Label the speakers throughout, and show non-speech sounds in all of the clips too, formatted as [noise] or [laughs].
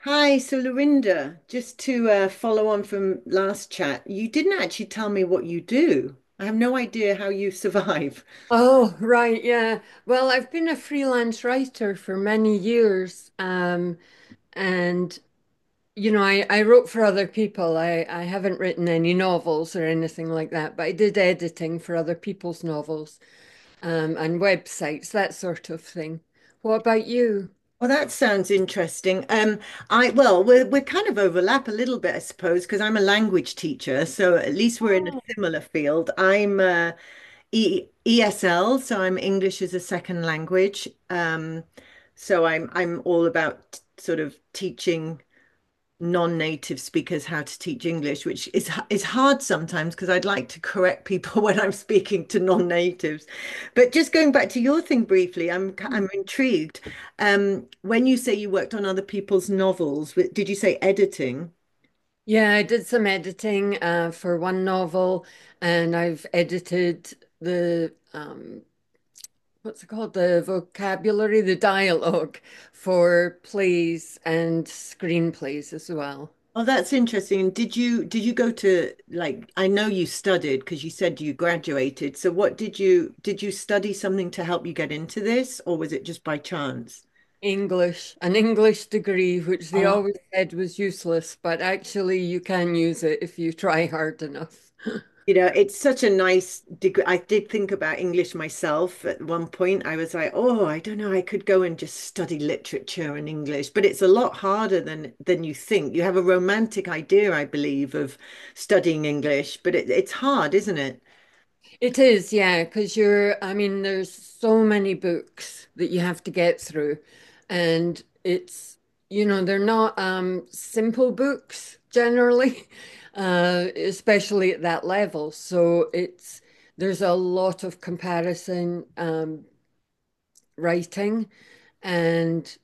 Speaker 1: Hi, so Lorinda, just to follow on from last chat, you didn't actually tell me what you do. I have no idea how you survive.
Speaker 2: Oh, right, yeah. Well, I've been a freelance writer for many years, and you know, I wrote for other people. I haven't written any novels or anything like that, but I did editing for other people's novels, and websites, that sort of thing. What about you?
Speaker 1: Well, that sounds interesting. I well, we're kind of overlap a little bit, I suppose, because I'm a language teacher, so at least we're in a similar field. I'm E ESL, so I'm English as a second language. So I'm all about sort of teaching non-native speakers how to teach English, which is hard sometimes because I'd like to correct people [laughs] when I'm speaking to non-natives. But just going back to your thing briefly, I'm intrigued. When you say you worked on other people's novels, did you say editing?
Speaker 2: Yeah, I did some editing, for one novel, and I've edited the what's it called? The vocabulary, the dialogue for plays and screenplays as well.
Speaker 1: Oh, that's interesting. And did you go to like I know you studied because you said you graduated. So what did you study something to help you get into this, or was it just by chance?
Speaker 2: English, an English degree, which they always said was useless, but actually you can use it if you try hard enough.
Speaker 1: You know, it's such a nice degree. I did think about English myself at one point. I was like, oh, I don't know, I could go and just study literature and English, but it's a lot harder than you think. You have a romantic idea, I believe, of studying English, but it's hard, isn't it?
Speaker 2: It is, yeah, because I mean, there's so many books that you have to get through, and you know, they're not simple books generally, [laughs] especially at that level. So there's a lot of comparison writing, and,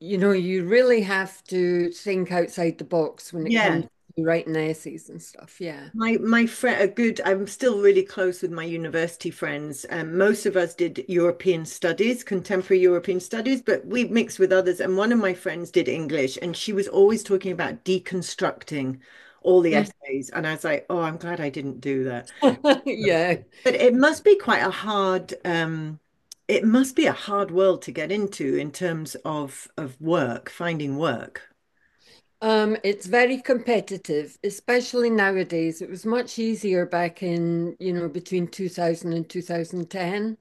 Speaker 2: you know, you really have to think outside the box when it
Speaker 1: Yeah.
Speaker 2: comes to writing essays and stuff. Yeah.
Speaker 1: My friend, a good. I'm still really close with my university friends. Most of us did European studies, contemporary European studies, but we mixed with others. And one of my friends did English, and she was always talking about deconstructing all the essays. And I was like, oh, I'm glad I didn't do that.
Speaker 2: [laughs] Yeah.
Speaker 1: But it must be quite a hard. It must be a hard world to get into in terms of work, finding work.
Speaker 2: It's very competitive, especially nowadays. It was much easier back in, you know, between 2000 and 2010.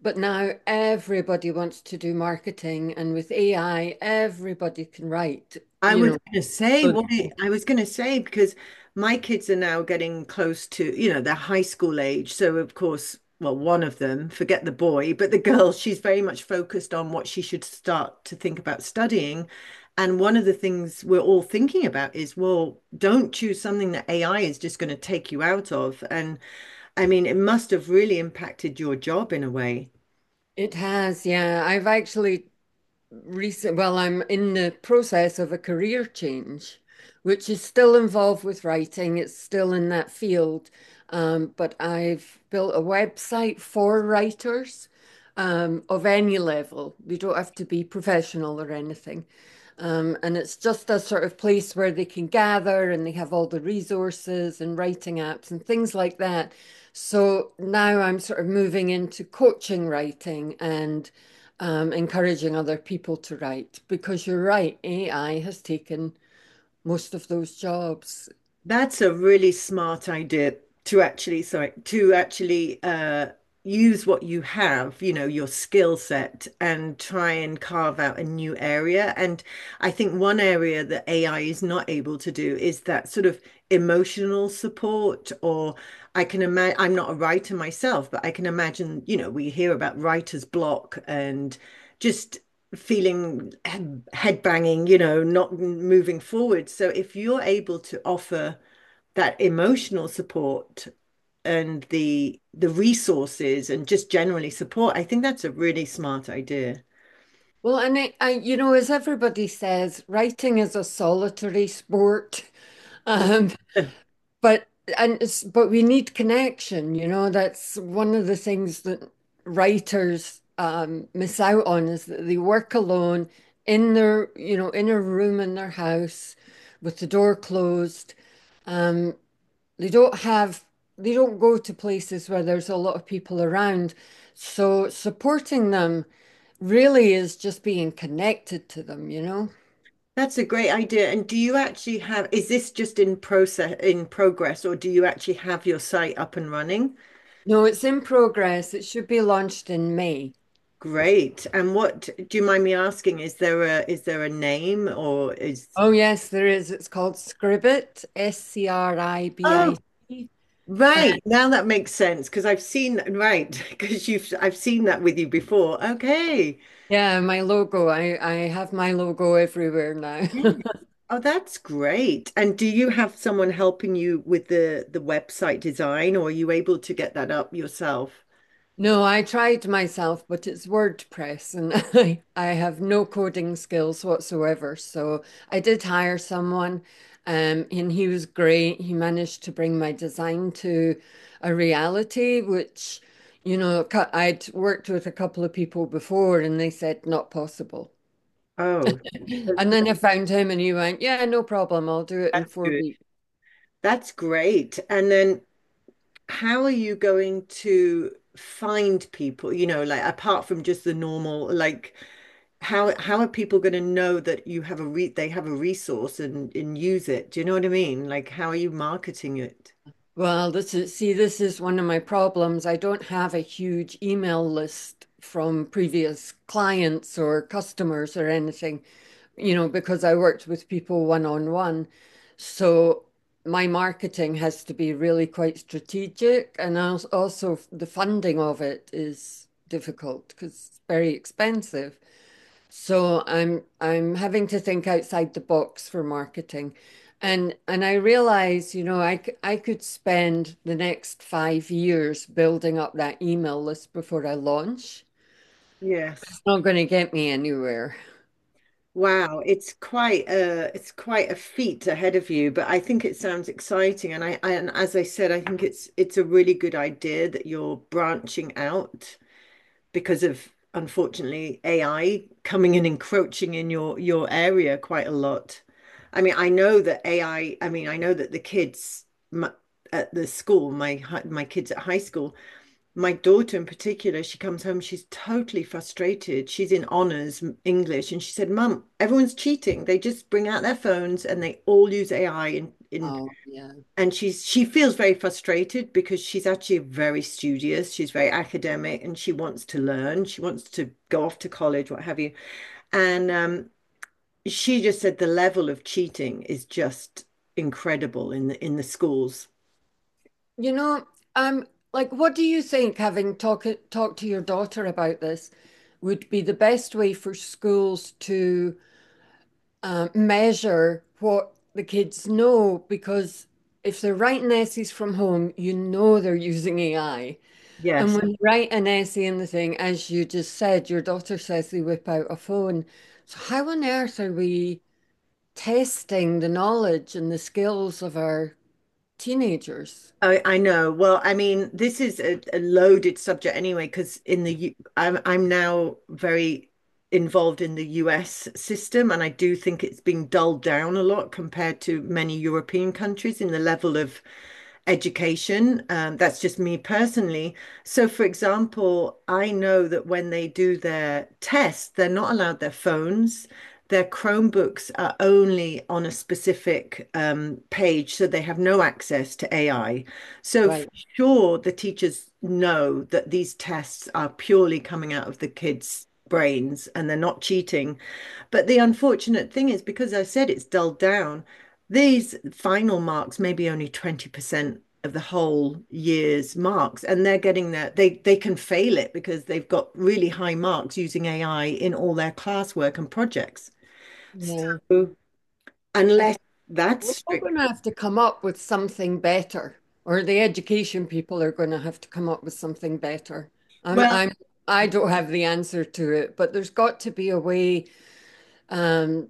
Speaker 2: But now everybody wants to do marketing, and with AI, everybody can write,
Speaker 1: I
Speaker 2: you
Speaker 1: was
Speaker 2: know.
Speaker 1: going to say
Speaker 2: Good.
Speaker 1: what it, I was going to say because my kids are now getting close to, you know, they're high school age. So of course, well, one of them, forget the boy, but the [laughs] girl, she's very much focused on what she should start to think about studying. And one of the things we're all thinking about is, well, don't choose something that AI is just going to take you out of. And I mean, it must have really impacted your job in a way.
Speaker 2: It has, yeah. I've actually well, I'm in the process of a career change, which is still involved with writing. It's still in that field. But I've built a website for writers of any level. You don't have to be professional or anything. And it's just a sort of place where they can gather and they have all the resources and writing apps and things like that. So now I'm sort of moving into coaching writing and encouraging other people to write because you're right, AI has taken most of those jobs.
Speaker 1: That's a really smart idea to actually, sorry, to actually use what you have, you know, your skill set, and try and carve out a new area. And I think one area that AI is not able to do is that sort of emotional support. Or I can imagine, I'm not a writer myself, but I can imagine, you know, we hear about writer's block and just feeling head banging, you know, not moving forward. So if you're able to offer that emotional support, and the resources and just generally support, I think that's a really smart idea.
Speaker 2: Well, and it, I, you know, as everybody says, writing is a solitary sport, [laughs]
Speaker 1: Yeah.
Speaker 2: um,
Speaker 1: [laughs]
Speaker 2: but and but we need connection. You know, that's one of the things that writers miss out on is that they work alone in their, you know, in a room in their house with the door closed. Um, They don't have, they don't go to places where there's a lot of people around. So supporting them really is just being connected to them, you know?
Speaker 1: That's a great idea. And do you actually have, is this just in process, in progress, or do you actually have your site up and running?
Speaker 2: No, it's in progress. It should be launched in May.
Speaker 1: Great. And what, do you mind me asking, is there a name or is
Speaker 2: Oh, yes, there is. It's called Scribit,
Speaker 1: Oh,
Speaker 2: S-C-R-I-B-I-T. And
Speaker 1: right. Now that makes sense because I've seen right [laughs] because you've I've seen that with you before. Okay.
Speaker 2: yeah, my logo. I have my logo everywhere now. [laughs]
Speaker 1: Yes. Oh, that's great. And do you have someone helping you with the website design, or are you able to get that up yourself?
Speaker 2: No, I tried myself, but it's WordPress and [laughs] I have no coding skills whatsoever. So I did hire someone, and he was great. He managed to bring my design to a reality, which, you know, I'd worked with a couple of people before and they said not possible.
Speaker 1: Oh,
Speaker 2: [clears throat]
Speaker 1: at
Speaker 2: And
Speaker 1: least
Speaker 2: then I found him and he went, "Yeah, no problem. I'll do it in
Speaker 1: that's
Speaker 2: four
Speaker 1: good.
Speaker 2: weeks.
Speaker 1: That's great. And then how are you going to find people, you know, like apart from just the normal, like how are people going to know that you have a re they have a resource and use it? Do you know what I mean? Like how are you marketing it?
Speaker 2: Well, this is, see, this is one of my problems. I don't have a huge email list from previous clients or customers or anything, you know, because I worked with people one on one. So my marketing has to be really quite strategic. And also, the funding of it is difficult because it's very expensive. So I'm having to think outside the box for marketing. And I realize, you know, I could spend the next 5 years building up that email list before I launch.
Speaker 1: Yes.
Speaker 2: It's not going to get me anywhere.
Speaker 1: Wow, it's quite a feat ahead of you, but I think it sounds exciting. And I and as I said, I think it's a really good idea that you're branching out because of unfortunately AI coming and encroaching in your area quite a lot. I mean, I know that AI, I mean, I know that the kids m- at the school, my kids at high school, my daughter in particular, she comes home, she's totally frustrated. She's in honors English, and she said, "Mum, everyone's cheating. They just bring out their phones and they all use AI in."
Speaker 2: Oh, yeah.
Speaker 1: And she feels very frustrated because she's actually very studious. She's very academic, and she wants to learn. She wants to go off to college, what have you. And she just said the level of cheating is just incredible in the schools.
Speaker 2: You know, um, like, what do you think, having talk to your daughter about this, would be the best way for schools to measure what the kids know because if they're writing essays from home, you know they're using AI. And
Speaker 1: Yes.
Speaker 2: when you write an essay in the thing, as you just said, your daughter says they whip out a phone. So how on earth are we testing the knowledge and the skills of our teenagers?
Speaker 1: I know. Well, I mean, this is a loaded subject anyway, because in the U I'm now very involved in the US system, and I do think it's been dulled down a lot compared to many European countries in the level of education. That's just me personally. So, for example, I know that when they do their tests, they're not allowed their phones. Their Chromebooks are only on a specific page, so they have no access to AI. So for
Speaker 2: Right.
Speaker 1: sure, the teachers know that these tests are purely coming out of the kids' brains and they're not cheating. But the unfortunate thing is, because I said it's dulled down, these final marks may be only 20% of the whole year's marks, and they're getting their they can fail it because they've got really high marks using AI in all their classwork and projects.
Speaker 2: Yeah.
Speaker 1: So unless that's
Speaker 2: We're all
Speaker 1: strict,
Speaker 2: going to have to come up with something better, or the education people are going to have to come up with something better. I'm,
Speaker 1: well.
Speaker 2: I'm, I don't have the answer to it, but there's got to be a way um,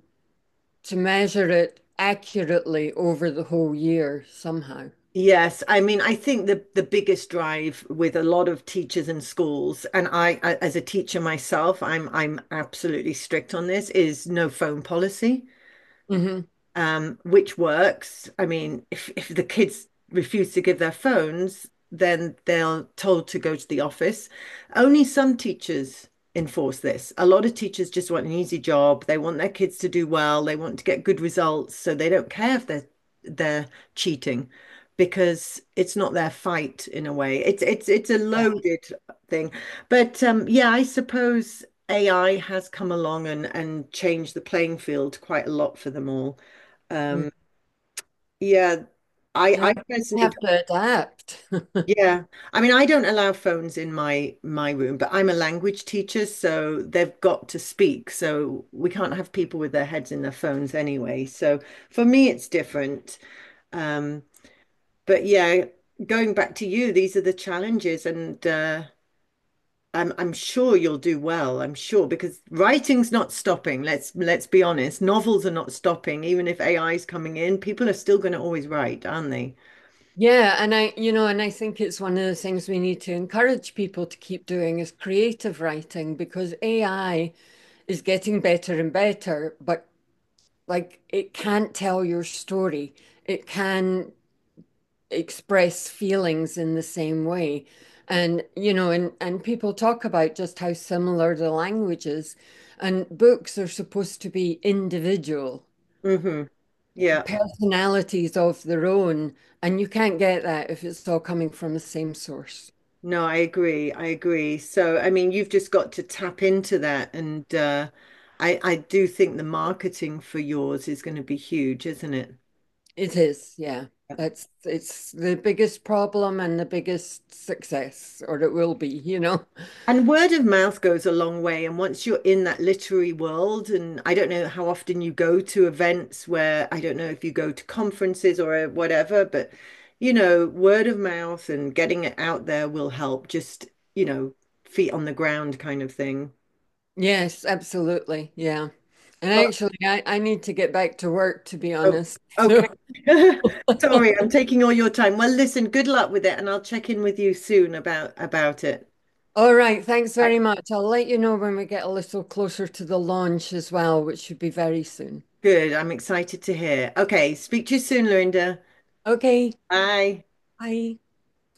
Speaker 2: to measure it accurately over the whole year somehow.
Speaker 1: Yes, I mean, I think the biggest drive with a lot of teachers and schools, and as a teacher myself, I'm absolutely strict on this, is no phone policy
Speaker 2: hmm
Speaker 1: which works. I mean, if the kids refuse to give their phones, then they're told to go to the office. Only some teachers enforce this. A lot of teachers just want an easy job. They want their kids to do well. They want to get good results, so they don't care if they're cheating because it's not their fight in a way. It's it's a loaded thing. But yeah, I suppose AI has come along and changed the playing field quite a lot for them all.
Speaker 2: Mm.
Speaker 1: Um, yeah,
Speaker 2: Yeah,
Speaker 1: I
Speaker 2: we
Speaker 1: personally
Speaker 2: have
Speaker 1: don't,
Speaker 2: to adapt. [laughs]
Speaker 1: yeah. I mean, I don't allow phones in my room, but I'm a language teacher, so they've got to speak. So we can't have people with their heads in their phones anyway. So for me, it's different. Um, but yeah, going back to you, these are the challenges, and I'm sure you'll do well. I'm sure because writing's not stopping. Let's be honest. Novels are not stopping, even if AI is coming in. People are still going to always write, aren't they?
Speaker 2: Yeah, and you know, and I think it's one of the things we need to encourage people to keep doing is creative writing because AI is getting better and better, but like it can't tell your story. It can express feelings in the same way. And you know, and people talk about just how similar the language is. And books are supposed to be individual,
Speaker 1: Hmm. Yeah.
Speaker 2: personalities of their own. And you can't get that if it's all coming from the same source.
Speaker 1: No, I agree. I agree. So, I mean, you've just got to tap into that. And I do think the marketing for yours is going to be huge, isn't it?
Speaker 2: It is, yeah. That's it's the biggest problem and the biggest success, or it will be, you know. [laughs]
Speaker 1: And word of mouth goes a long way. And once you're in that literary world, and I don't know how often you go to events where I don't know if you go to conferences or whatever, but you know, word of mouth and getting it out there will help, just, you know, feet on the ground kind of thing.
Speaker 2: Yes, absolutely. Yeah. And actually, I need to get back to work, to be
Speaker 1: Oh,
Speaker 2: honest. [laughs]
Speaker 1: okay.
Speaker 2: So,
Speaker 1: [laughs] Sorry, I'm taking all your time. Well, listen, good luck with it, and I'll check in with you soon about it.
Speaker 2: all right, thanks
Speaker 1: Right.
Speaker 2: very much. I'll let you know when we get a little closer to the launch as well, which should be very soon.
Speaker 1: Good. I'm excited to hear. Okay, speak to you soon, Lorinda.
Speaker 2: Okay,
Speaker 1: Bye.
Speaker 2: bye.